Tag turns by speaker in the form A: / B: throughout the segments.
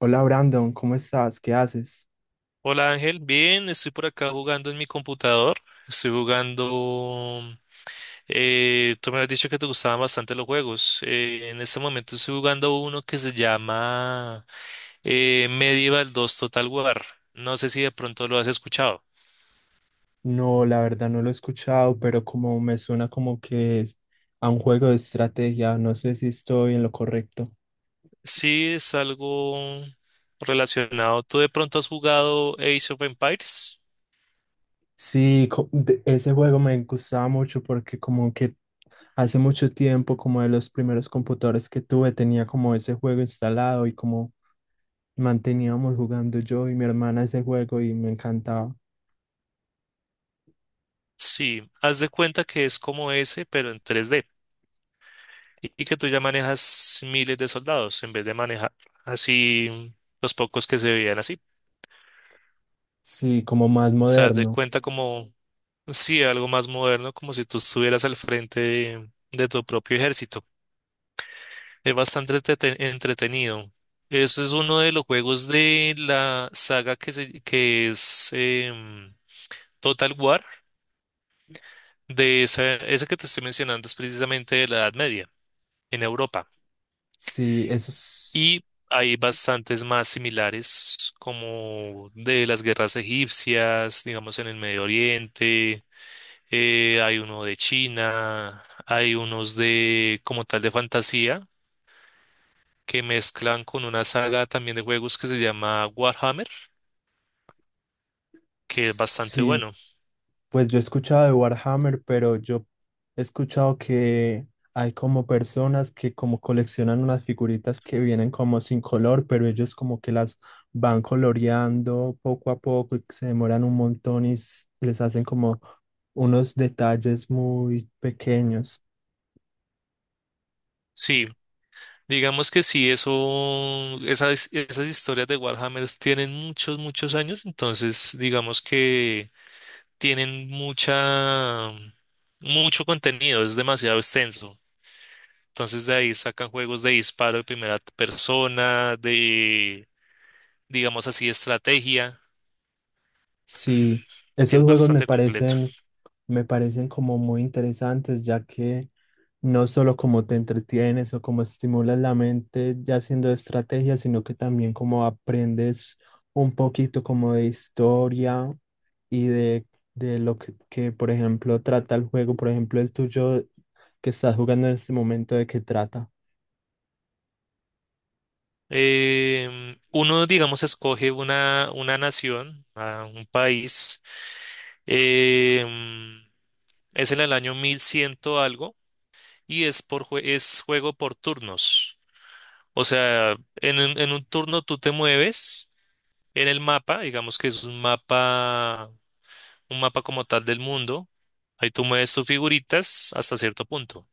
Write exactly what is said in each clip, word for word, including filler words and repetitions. A: Hola Brandon, ¿cómo estás? ¿Qué haces?
B: Hola Ángel, bien, estoy por acá jugando en mi computador. Estoy jugando. Eh, tú me has dicho que te gustaban bastante los juegos. Eh, en este momento estoy jugando uno que se llama eh, Medieval dos Total War. No sé si de pronto lo has escuchado.
A: No, la verdad no lo he escuchado, pero como me suena como que es a un juego de estrategia, no sé si estoy en lo correcto.
B: Sí, es algo relacionado. ¿Tú de pronto has jugado Age of Empires?
A: Sí, co- de- ese juego me gustaba mucho porque como que hace mucho tiempo, como de los primeros computadores que tuve, tenía como ese juego instalado y como manteníamos jugando yo y mi hermana ese juego y me encantaba.
B: Sí, haz de cuenta que es como ese, pero en tres D. y y que tú ya manejas miles de soldados en vez de manejar así los pocos que se veían así. O
A: Sí, como más
B: sea, haz de
A: moderno.
B: cuenta como, sí, algo más moderno, como si tú estuvieras al frente de, de tu propio ejército. Es bastante entrete- entretenido. Eso es uno de los juegos de la saga que, se- que es em, Total War, de esa, ese que te estoy mencionando es precisamente de la Edad Media en Europa.
A: Sí, eso es...
B: Y hay bastantes más similares, como de las guerras egipcias, digamos en el Medio Oriente, eh, hay uno de China, hay unos de como tal de fantasía que mezclan con una saga también de juegos que se llama Warhammer, que es
A: s-
B: bastante
A: Sí.
B: bueno.
A: Pues yo he escuchado de Warhammer, pero yo he escuchado que hay como personas que como coleccionan unas figuritas que vienen como sin color, pero ellos como que las van coloreando poco a poco y que se demoran un montón y s- les hacen como unos detalles muy pequeños.
B: Sí, digamos que sí, eso, esas, esas historias de Warhammer tienen muchos, muchos años, entonces digamos que tienen mucha, mucho contenido, es demasiado extenso. Entonces de ahí sacan juegos de disparo de primera persona, de, digamos así, estrategia.
A: Sí, esos
B: Es
A: juegos me
B: bastante completo.
A: parecen, me parecen como muy interesantes, ya que no solo como te entretienes o como estimulas la mente ya haciendo estrategias, sino que también como aprendes un poquito como de historia y de, de lo que, que, por ejemplo, trata el juego. Por ejemplo, el tuyo que estás jugando en este momento, ¿de qué trata?
B: Em, uno, digamos, escoge una, una nación, a un país. em, es en el año mil cien algo y es, por, jue- es juego por turnos. O sea, en, un- en un turno tú te mueves. En el mapa, digamos que es un mapa, un mapa como tal del mundo. Ahí tú mueves tus figuritas hasta cierto punto.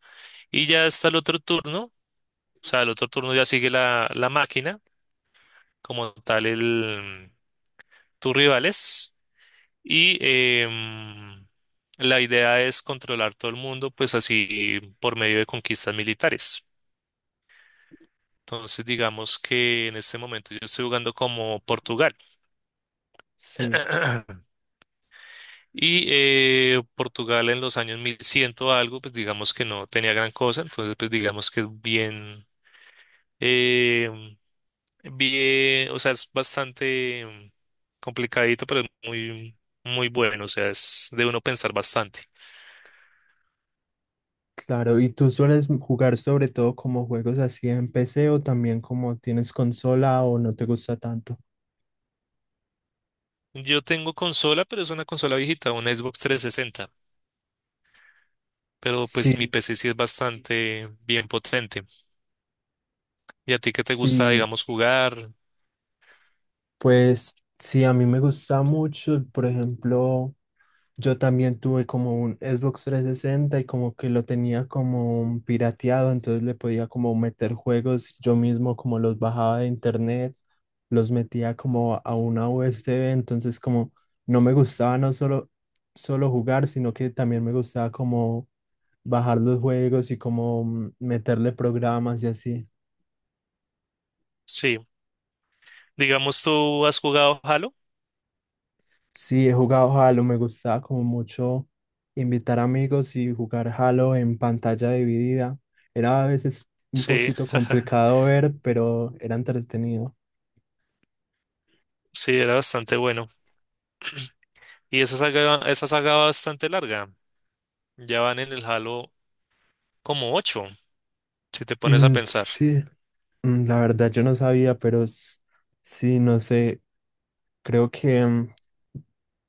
B: Y ya hasta el otro turno, o sea, el otro turno ya sigue la, la máquina, como tal el, tus rivales. Y em, la idea es controlar todo el mundo, pues así por medio de conquistas militares. Entonces, digamos que en este momento yo estoy jugando como Portugal.
A: Sí,
B: Y eh, Portugal en los años mil cien o algo, pues digamos que no tenía gran cosa, entonces pues digamos que es bien, eh, bien, o sea, es bastante mm, complicadito, pero es muy, muy bueno, o sea, es de uno pensar bastante.
A: claro. ¿Y tú sueles jugar sobre todo como juegos así en P C o también como tienes consola o no te gusta tanto?
B: Yo tengo consola, pero es una consola viejita, una Xbox trescientos sesenta, pero pues mi
A: Sí,
B: P C sí es bastante bien potente. ¿Y a ti qué te gusta,
A: sí,
B: digamos, jugar?
A: Pues sí, a mí me gusta mucho, por ejemplo, yo también tuve como un Xbox trescientos sesenta y como que lo tenía como pirateado, entonces le podía como meter juegos, yo mismo como los bajaba de internet, los metía como a una U S B, entonces como no me gustaba no solo, solo jugar, sino que también me gustaba como bajar los juegos y como mm, meterle programas y así.
B: Sí, digamos, ¿tú has jugado Halo?
A: Sí, he jugado Halo, me gustaba como mucho invitar amigos y jugar Halo en pantalla dividida. Era a veces un
B: Sí,
A: poquito complicado ver, pero era entretenido.
B: sí, era bastante bueno. Y esa saga, esa saga va bastante larga. Ya van en el Halo como ocho, si te pones a
A: Mm,
B: pensar.
A: sí, mm, la verdad yo no sabía, pero s- sí, no sé, creo que mm,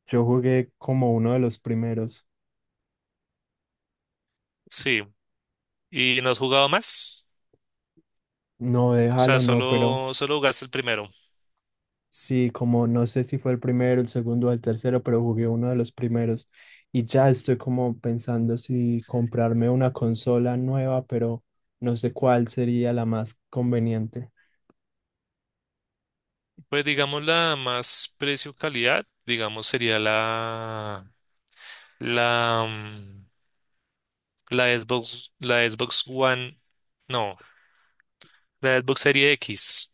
A: yo jugué como uno de los primeros.
B: Sí. ¿Y no has jugado más?
A: No de
B: O sea,
A: Halo, no, pero...
B: solo, solo jugaste el primero.
A: Sí, como no sé si fue el primero, el segundo o el tercero, pero jugué uno de los primeros y ya estoy como pensando si comprarme una consola nueva, pero no sé cuál sería la más conveniente.
B: Pues digamos la más precio-calidad, digamos sería la, la, mm, la Xbox, la Xbox One, no, la Xbox Serie X,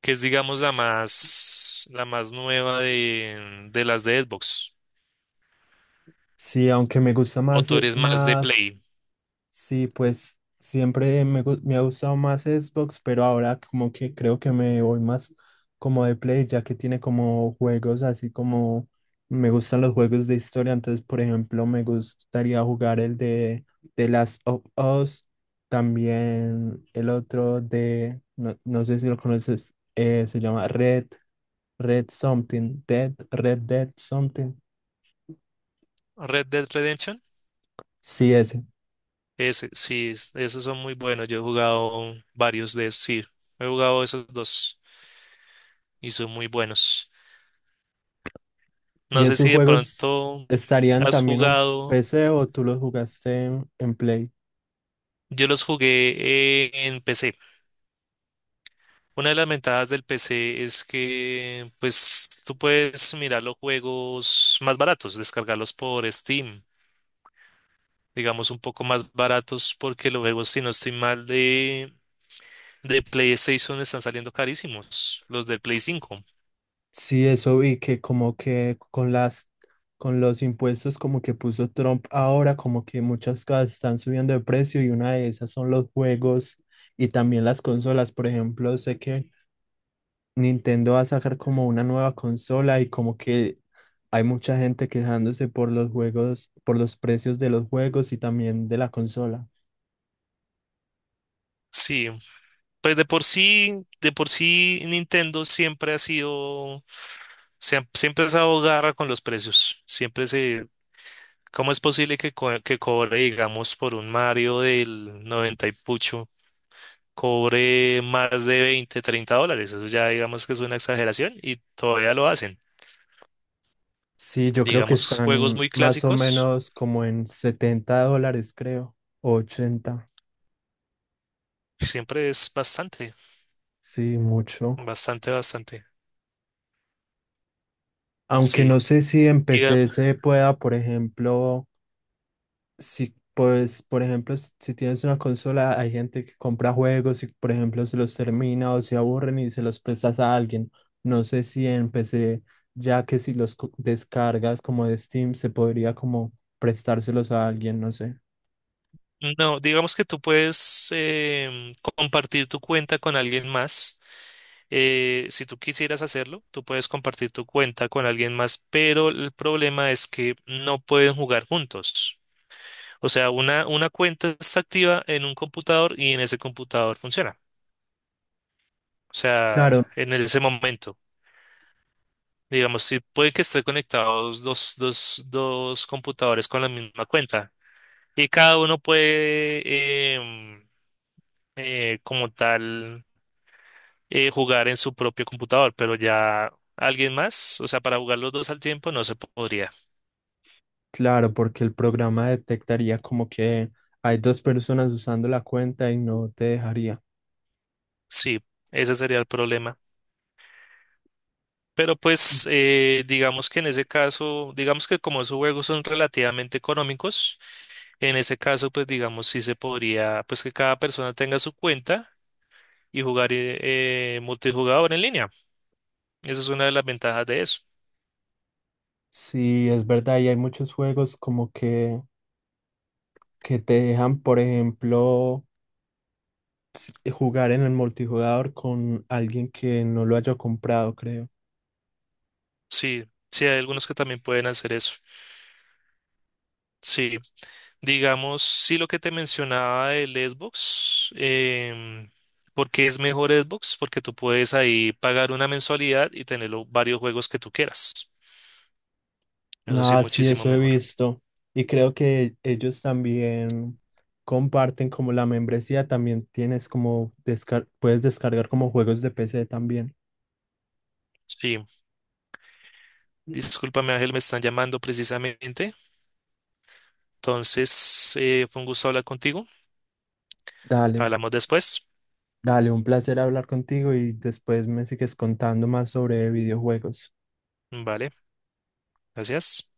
B: que es digamos la
A: S-
B: más, la más nueva de, de las de Xbox.
A: Sí, aunque me gusta
B: ¿O
A: más,
B: tú
A: eh,
B: eres más de
A: más.
B: Play?
A: Sí, pues siempre me, gu- me ha gustado más Xbox, pero ahora como que creo que me voy más como de Play, ya que tiene como juegos así como me gustan los juegos de historia. Entonces, por ejemplo, me gustaría jugar el de The Last of Us, también el otro de, no, no sé si lo conoces, eh, se llama Red, Red Something, Dead, Red Dead Something.
B: Red Dead Redemption.
A: Sí, ese.
B: Ese, sí, es- esos son muy buenos. Yo he jugado varios de esos, sí. He jugado esos dos y son muy buenos.
A: ¿Y
B: No sé
A: esos
B: si de
A: juegos
B: pronto
A: estarían
B: has
A: también en
B: jugado.
A: P C o tú los jugaste en, en Play?
B: Yo los jugué eh, en P C. Una de las ventajas del P C es que, pues, tú puedes mirar los juegos más baratos, descargarlos por Steam, digamos un poco más baratos, porque los juegos, si no estoy mal, de, de PlayStation están saliendo carísimos, los del Play cinco.
A: Sí, eso vi que como que con las con los impuestos como que puso Trump ahora, como que muchas cosas están subiendo de precio y una de esas son los juegos y también las consolas. Por ejemplo, sé que Nintendo va a sacar como una nueva consola y como que hay mucha gente quejándose por los juegos, por los precios de los juegos y también de la consola.
B: Sí, pues de por sí, de por sí Nintendo siempre ha sido, se- ha- siempre ha estado garra con los precios. Siempre se, ¿cómo es posible que, co- que cobre, digamos, por un Mario del noventa y pucho, cobre más de veinte, treinta dólares? Eso ya digamos que es una exageración y todavía lo hacen.
A: Sí, yo creo que
B: Digamos, juegos
A: están
B: muy
A: más o
B: clásicos,
A: menos como en setenta dólares, creo, o ochenta,
B: siempre es bastante,
A: sí, mucho.
B: bastante, bastante.
A: Aunque
B: Sí.
A: no sé si en
B: Diga-
A: P C se pueda, por ejemplo, si, pues, por ejemplo, s- si tienes una consola, hay gente que compra juegos y, por ejemplo, se los termina o se aburren y se los prestas a alguien. No sé si en P C, ya que si los co- descargas como de Steam, se podría como prestárselos a alguien, no sé.
B: No, digamos que tú puedes em, compartir tu cuenta con alguien más. Eh, si tú quisieras hacerlo, tú puedes compartir tu cuenta con alguien más, pero el problema es que no pueden jugar juntos. O sea, una, una cuenta está activa en un computador y en ese computador funciona. O sea,
A: Claro,
B: en ese momento. Digamos, si puede que estén conectados dos, dos, dos computadores con la misma cuenta y cada uno puede, em, eh, como tal, eh, jugar en su propio computador, pero ya alguien más, o sea, para jugar los dos al tiempo no se podría.
A: Claro, porque el programa detectaría como que hay dos personas usando la cuenta y no te dejaría.
B: Sí, ese sería el problema. Pero
A: Sí,
B: pues eh, digamos que en ese caso, digamos que como esos juegos son relativamente económicos, en ese caso pues digamos sí se podría, pues que cada persona tenga su cuenta y jugar eh, eh, multijugador en línea. Esa es una de las ventajas de eso.
A: sí, es verdad, y hay muchos juegos como que, que te dejan, por ejemplo, s- eh, jugar en el multijugador con alguien que no lo haya comprado, creo.
B: Sí, sí hay algunos que también pueden hacer eso. Sí, digamos, sí lo que te mencionaba del Xbox, em, ¿por qué es mejor Xbox? Porque tú puedes ahí pagar una mensualidad y tener los varios juegos que tú quieras. Eso sí,
A: Ah, sí,
B: muchísimo
A: eso he
B: mejor.
A: visto. Y creo que ellos también comparten como la membresía, también tienes como descar- puedes descargar como juegos de P C también.
B: Sí, discúlpame Ángel, me están llamando precisamente. Entonces, eh, fue un gusto hablar contigo.
A: Dale.
B: Hablamos después.
A: Dale, un placer hablar contigo y después me sigues contando más sobre videojuegos.
B: Vale, gracias.